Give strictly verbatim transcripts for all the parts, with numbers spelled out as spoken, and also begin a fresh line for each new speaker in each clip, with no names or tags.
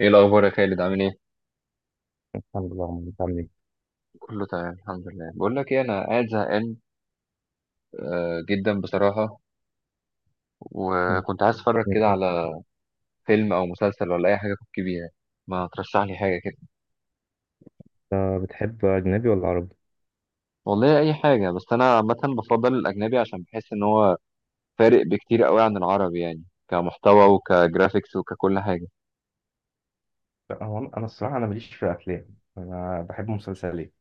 ايه الاخبار يا خالد، عامل ايه؟
الحمد لله عمرو، انت عامل ايه؟
كله تمام الحمد لله. بقول لك ايه، انا قاعد زهقان آه، جدا بصراحه.
م-
وكنت عايز اتفرج كده
جميل.
على فيلم او مسلسل ولا اي حاجه أفك بيها. ما ترشح لي حاجه كده.
انت بتحب أجنبي ولا عربي؟
والله اي حاجه، بس انا عامه بفضل الاجنبي عشان بحس ان هو فارق بكتير قوي عن العربي، يعني كمحتوى وكجرافيكس وككل حاجه.
لا، هو انا أنا الصراحه انا ماليش في الافلام، انا بحب مسلسلات.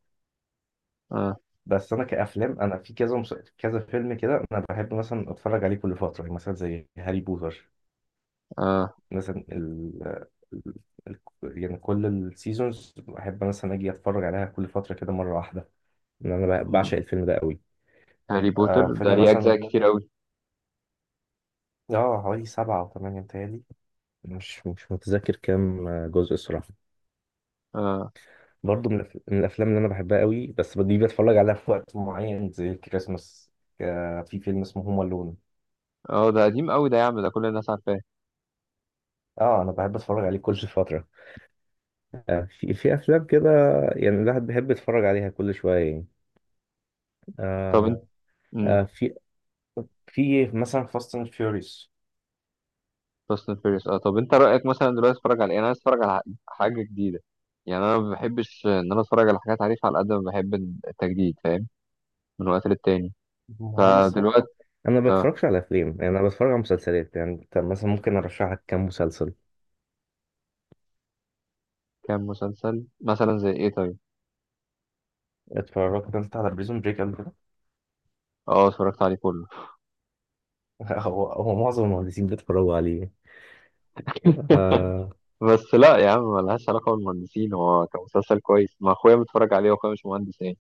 اه،
بس انا كافلام، انا في كذا مس... كذا فيلم كده انا بحب مثلا اتفرج عليه كل فتره، يعني مثلا زي هاري بوتر
اه.
مثلا. ال... ال... ال... يعني كل السيزونز بحب مثلا اجي اتفرج عليها كل فتره كده مره واحده، إن أنا ب-
م.
بعشق الفيلم ده قوي.
هاري بوتر
آه،
ده
فيلم
ليه
مثلا،
اجزاء كتير قوي؟
اه، حوالي سبعة أو ثمانية متهيألي. مش مش متذكر كام جزء الصراحة.
اه،
برضو من الأف- من الافلام اللي انا بحبها قوي، بس دي بتفرج عليها في وقت معين زي الكريسماس. ك- في فيلم اسمه هوم الون.
اه. ده قديم قوي ده يا عم، ده كل الناس عارفاه.
اه، انا بحب اتفرج عليه كل فتره. آه، في في افلام كده يعني الواحد بيحب يتفرج عليها كل شويه يعني.
طب
آه
انت
آه في في مثلا فاست اند فيوريوس.
فاست اند فيوريوس، اه. طب انت رايك مثلا دلوقتي اتفرج على ايه؟ انا عايز اتفرج على حاجه جديده، يعني انا ما بحبش ان انا اتفرج على حاجات عارفها، على قد ما بحب التجديد فاهم، من وقت للتاني.
ما انا صراحة-
فدلوقتي.
انا ما
اه.
بتفرجش على افلام، يعني انا بتفرج على مسلسلات. يعني انت مثلا ممكن ارشح لك كام مسلسل.
كام مسلسل مثلا زي ايه طيب؟
اتفرجت انت على بريزون بريك قبل كده؟
اه، اتفرجت عليه كله.
هو هو معظم المهندسين بيتفرجوا عليه. آه.
بس لا يا عم، ملهاش علاقه بالمهندسين، هو كان مسلسل كويس، ما اخويا متفرج عليه واخويا مش مهندس يعني.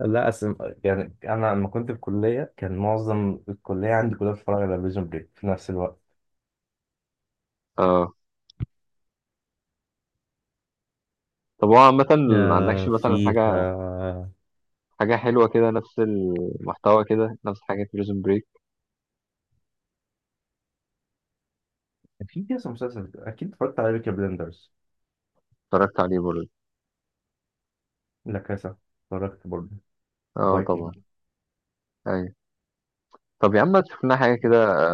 لا أسم... يعني انا لما كنت في الكليه كان معظم الكليه عندي كلها بتتفرج على بريزون بريك في نفس الوقت.
اه. طب هو عامه ما عندكش
آه
مثلا حاجه
فيها
حاجه حلوه كده، نفس المحتوى كده، نفس حاجه بريزون بريك.
كان في كذا مسلسل. اكيد اتفرجت على بيكي بلندرز.
اتفرجت عليه برضه.
لا كاسا اتفرجت برضه.
اه، طبعا.
فايكنج.
أيوة. طب يا عم ما تشوف لنا حاجه كده.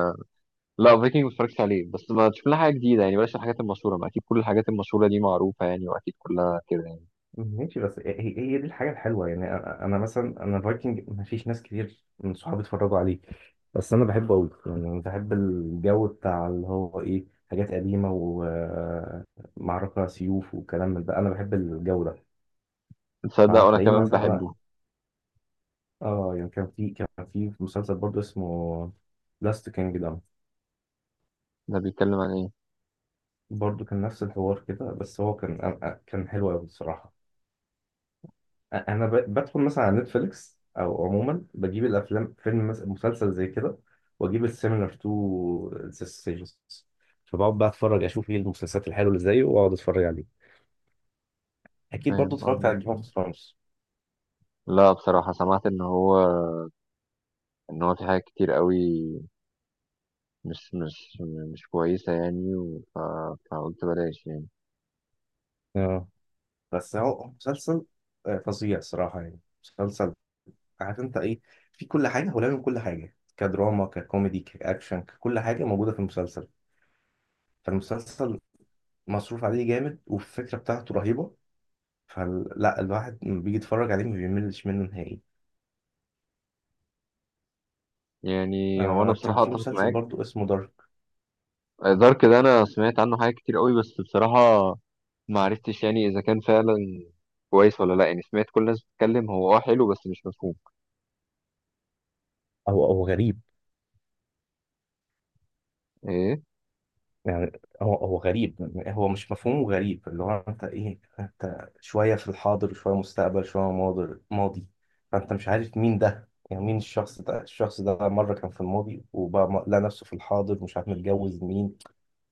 لا، فايكنج ما اتفرجتش عليه، بس ما تشوف لنا حاجه جديده، يعني بلاش الحاجات المشهوره، ما اكيد كل الحاجات المشهوره دي معروفه يعني، واكيد كلها كده يعني.
ماشي، بس هي هي هي دي الحاجه الحلوه. يعني انا أنا مثلا، انا فايكنج ما فيش ناس كتير من صحابي اتفرجوا عليه، بس انا بحبه قوي. يعني انا بحب الجو بتاع اللي هو ايه، حاجات قديمه ومعركه سيوف وكلام من ده، انا بحب الجو ده.
تصدق وانا
فهتلاقيني
كمان
مثلا انا،
بحبه.
اه، يعني كان في كان في مسلسل برضه اسمه لاست كينجدم.
ده بيتكلم عن ايه؟
برضه كان نفس الحوار كده، بس هو كان أنا- أنا- كان حلو قوي الصراحه. أ- انا ب- بدخل مثلا على نتفليكس او عموما بجيب الافلام، فيلم مثلا مسلسل زي كده، واجيب السيميلر تو ذا سيجنز، فبقعد بقى اتفرج اشوف ايه المسلسلات الحلوه اللي زيه واقعد اتفرج عليه. اكيد برضه
فاهم
اتفرجت على جيم
قصدك.
اوف ثرونز.
لا بصراحه سمعت ان هو ان هو في حاجات كتير قوي مش مش مش كويسه، يعني و- ف... فقلت بلاش يعني.
اه، بس هو مسلسل، آه، فظيع صراحه يعني. مسلسل، عارف انت ايه، في كل حاجه، هو لازم كل حاجه، كدراما ككوميدي كاكشن ككل حاجه موجوده في المسلسل. فالمسلسل مصروف عليه جامد، والفكره بتاعته رهيبه، فلا الواحد لما بيجي يتفرج عليه ما بيملش منه نهائي.
يعني هو انا
آه، كان
بصراحه
في
اتفق
مسلسل
معاك.
برضو اسمه دارك.
دارك ده انا سمعت عنه حاجات كتير قوي، بس بصراحه ما عرفتش يعني اذا كان فعلا كويس ولا لا، يعني سمعت كل الناس بتتكلم، هو اه حلو بس مش مفهوم.
هو هو غريب.
ايه.
يعني هو هو غريب، هو مش مفهومه، غريب اللي هو انت ايه، انت شوية في الحاضر شوية مستقبل شوية ماضي ماضي. فانت مش عارف مين ده، يعني مين الشخص ده، الشخص ده مرة كان في الماضي وبقى م- لقى نفسه في الحاضر، مش عارف متجوز مين.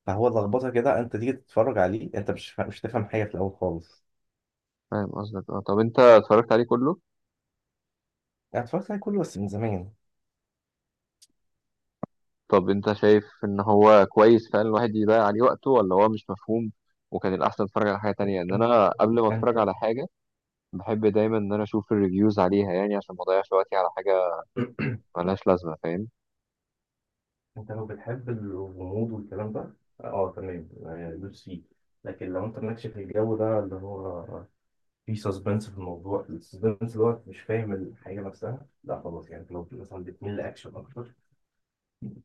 فهو لخبطة كده، انت تيجي تتفرج عليه، انت مش فا- مش تفهم حاجة في الأول خالص.
فاهم قصدك اه. طب انت اتفرجت عليه كله؟
انا اتفرجت عليه كله بس من زمان.
طب انت شايف ان هو كويس فعلا الواحد يضيع عليه وقته، ولا هو مش مفهوم وكان الاحسن اتفرج على حاجه تانية؟ ان
انت
انا قبل ما اتفرج
انت
على حاجه بحب دايما ان انا اشوف الريفيوز عليها، يعني عشان ما اضيعش وقتي على حاجه ملهاش لازمه فاهم.
انت لو بتحب الغموض والكلام ده، اه تمام، آه، دوس فيه. لكن لو انت مالكش في الجو ده اللي هو في سسبنس في الموضوع، السسبنس دوت مش فاهم الحاجة نفسها، لا خلاص. يعني لو مثلا بتميل لأكشن أكتر،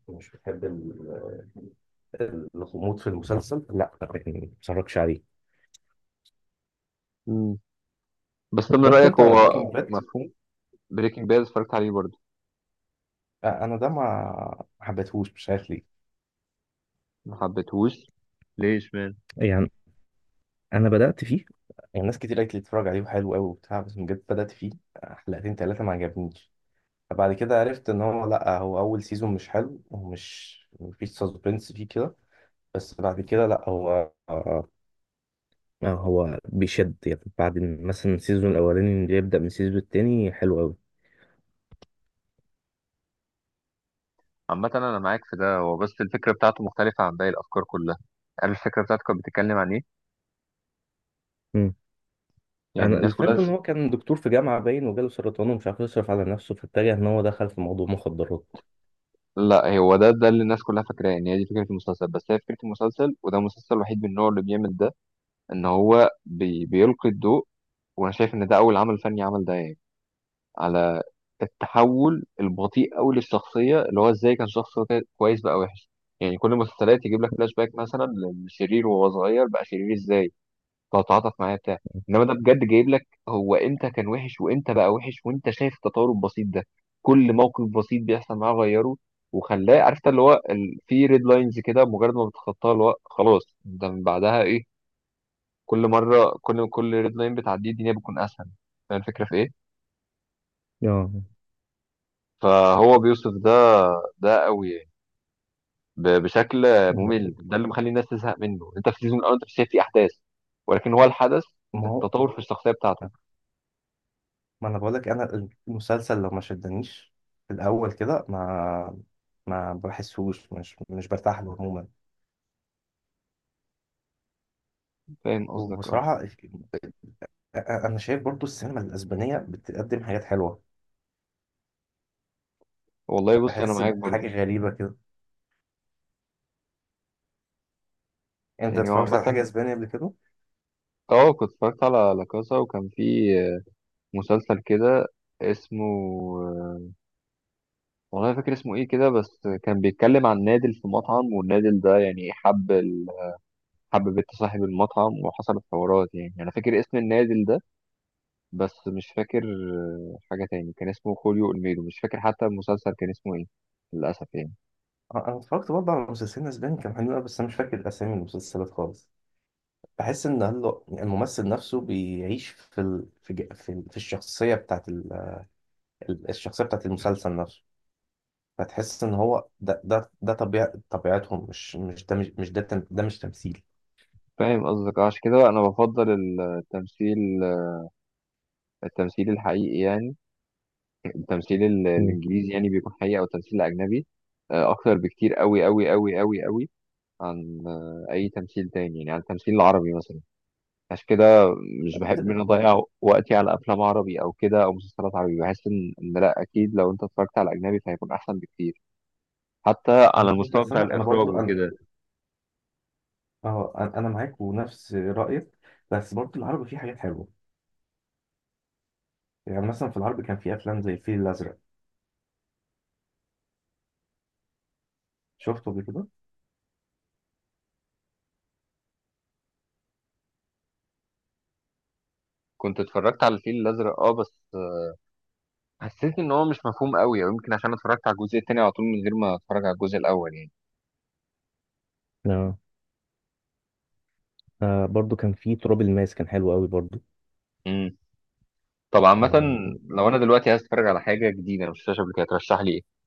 مش بتحب ال- الغموض في المسلسل، لا ما تتفرجش عليه.
مم. بس طب من
اتفرجت
رايك
أنت
هو
على بريكنج باد؟
مفهوم؟ بريكنج باد اتفرجت عليه برضه.
أنا ده ما ما حبيتهوش، مش عارف ليه.
ما حبيتهوش؟ ليش؟
يعني انا بدأت فيه، يعني ناس كتير قالت لي اتفرج عليه وحلو قوي وبتاع، بس بجد بدأت فيه حلقتين تلاتة ما عجبنيش. فبعد كده عرفت ان هو لا، هو اول سيزون مش حلو ومش مفيش سسبنس فيه كده، بس بعد كده لا، هو، آه، هو بيشد يعني. بعد مثلا السيزون الاولاني، اللي يبدا من السيزون التاني حلو قوي.
عامة أنا معاك في ده، هو بس الفكرة بتاعته مختلفة عن باقي الأفكار كلها. عارف الفكرة بتاعته كانت بتتكلم عن إيه؟
مم.
يعني
انا
الناس كلها.
الفكره ان هو كان دكتور في جامعه باين وجاله سرطان ومش عارف يصرف على نفسه، فاتجه ان هو دخل في موضوع مخدرات.
لا هو ده ده اللي الناس كلها فاكراه إن هي دي فكرة المسلسل، بس هي فكرة المسلسل وده المسلسل الوحيد من نوعه اللي بيعمل ده، إن هو بي... بيلقي الضوء. وأنا شايف إن ده أول عمل فني عمل ده، يعني على التحول البطيء أوي للشخصية، اللي هو إزاي كان شخص كا- كويس بقى وحش. يعني كل المسلسلات يجيب لك فلاش باك مثلا لشرير وهو صغير بقى شرير إزاي، تتعاطف معاه بتاع، انما ده بجد جايب لك هو امتى كان وحش وامتى بقى وحش، وانت شايف التطور البسيط ده، كل موقف بسيط بيحصل معاه غيره وخلاه، عرفت اللي هو ال... في ريد لاينز كده، مجرد ما بتخطاها اللي هو خلاص ده من بعدها ايه. كل مره، كل كل ريد لاين بتعديه الدنيا بتكون اسهل. فاهم الفكره في ايه؟
اه.
فهو بيوصف ده، ده قوي يعني ب... بشكل
ما
ممل. ده اللي مخلي الناس تزهق منه، انت في السيزون الاول انت مش شايف فيه احداث، ولكن هو الحدث،
هو
التطور في الشخصيه بتاعته.
ما انا بقول لك، انا المسلسل لو ما شدنيش في الاول كده ما ما بحسوش، مش مش برتاح له عموما.
فاهم قصدك اه.
وبصراحه، انا شايف برضو السينما الاسبانيه بتقدم حاجات حلوه.
والله بص انا
بحس
معاك
بحاجه
برضه.
غريبه كده. انت
يعني هو
اتفرجت على حاجه
عامه،
اسبانيه قبل كده؟
اه كنت اتفرجت على لا كاسا، وكان في مسلسل كده اسمه، والله فاكر اسمه ايه كده، بس كان بيتكلم عن نادل في مطعم والنادل ده يعني حب ال... حب بنت صاحب المطعم وحصلت حوارات، يعني انا فاكر اسم النادل ده بس مش فاكر حاجه تاني، كان اسمه خوليو اولميدو، مش فاكر حتى المسلسل كان اسمه ايه للاسف يعني.
انا اتفرجت برضه على مسلسلين اسباني كان حلو أوي، بس انا مش فاكر اسامي المسلسلات خالص. بحس ان هل- الممثل نفسه بيعيش في ال... في ج- في, ال... في الشخصيه بتاعت ال... ال- الشخصيه بتاعت المسلسل نفسه. فتحس ان هو ده ده ده طبيع... طبيعتهم، مش مش ده، مش مش ده، تم... ده مش تمثيل.
فاهم قصدك آه، عشان كده انا بفضل التمثيل التمثيل الحقيقي يعني، التمثيل ال-
مم.
الانجليزي يعني بيكون حقيقي، او التمثيل الاجنبي آه، اكتر بكتير قوي قوي قوي قوي قوي عن آه، اي تمثيل تاني، يعني عن التمثيل العربي مثلا. عشان كده مش بحب ان أنا اضيع وقتي على افلام عربي او كده او مسلسلات عربي، بحس ان إن لا، اكيد لو انت اتفرجت على اجنبي فهيكون احسن بكتير، حتى
انا
على
معاك،
المستوى
بس
بتاع
انا انا
الاخراج
برضو انا
وكده.
اه انا أنا معاك ونفس رايك. بس برضو العربي فيه حاجات حلوه. يعني مثلا في العربي كان في افلام زي الفيل الازرق، شفته قبل كده؟
كنت اتفرجت على الفيل الازرق اه، بس حسيت ان هو مش مفهوم قوي، او يمكن عشان اتفرجت على الجزء التاني على طول من غير ما اتفرج على الجزء الاول
آه. آه، برضو كان في تراب الماس، كان حلو قوي برضو.
يعني. طب عامة
آه.
لو أنا دلوقتي عايز أتفرج على حاجة جديدة أنا مش شفتهاش قبل كده، ترشح لي إيه؟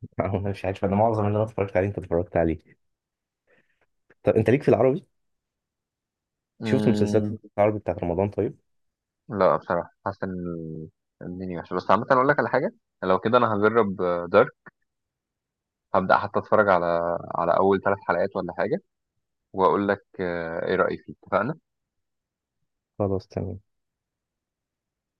انا مش عارف، انا معظم اللي انا اتفرجت عليه انت اتفرجت عليه. طب انت ليك في العربي؟ شفت مسلسلات
مم...
العربي بتاعت رمضان؟ طيب،
لا بصراحة حاسس إن الدنيا وحشة، بس عامة أقول لك على حاجة، لو كده أنا هجرب دارك، هبدأ حتى أتفرج على على أول ثلاث حلقات ولا حاجة، وأقول لك آه، إيه رأيي فيه اتفقنا؟
خلاص تمام.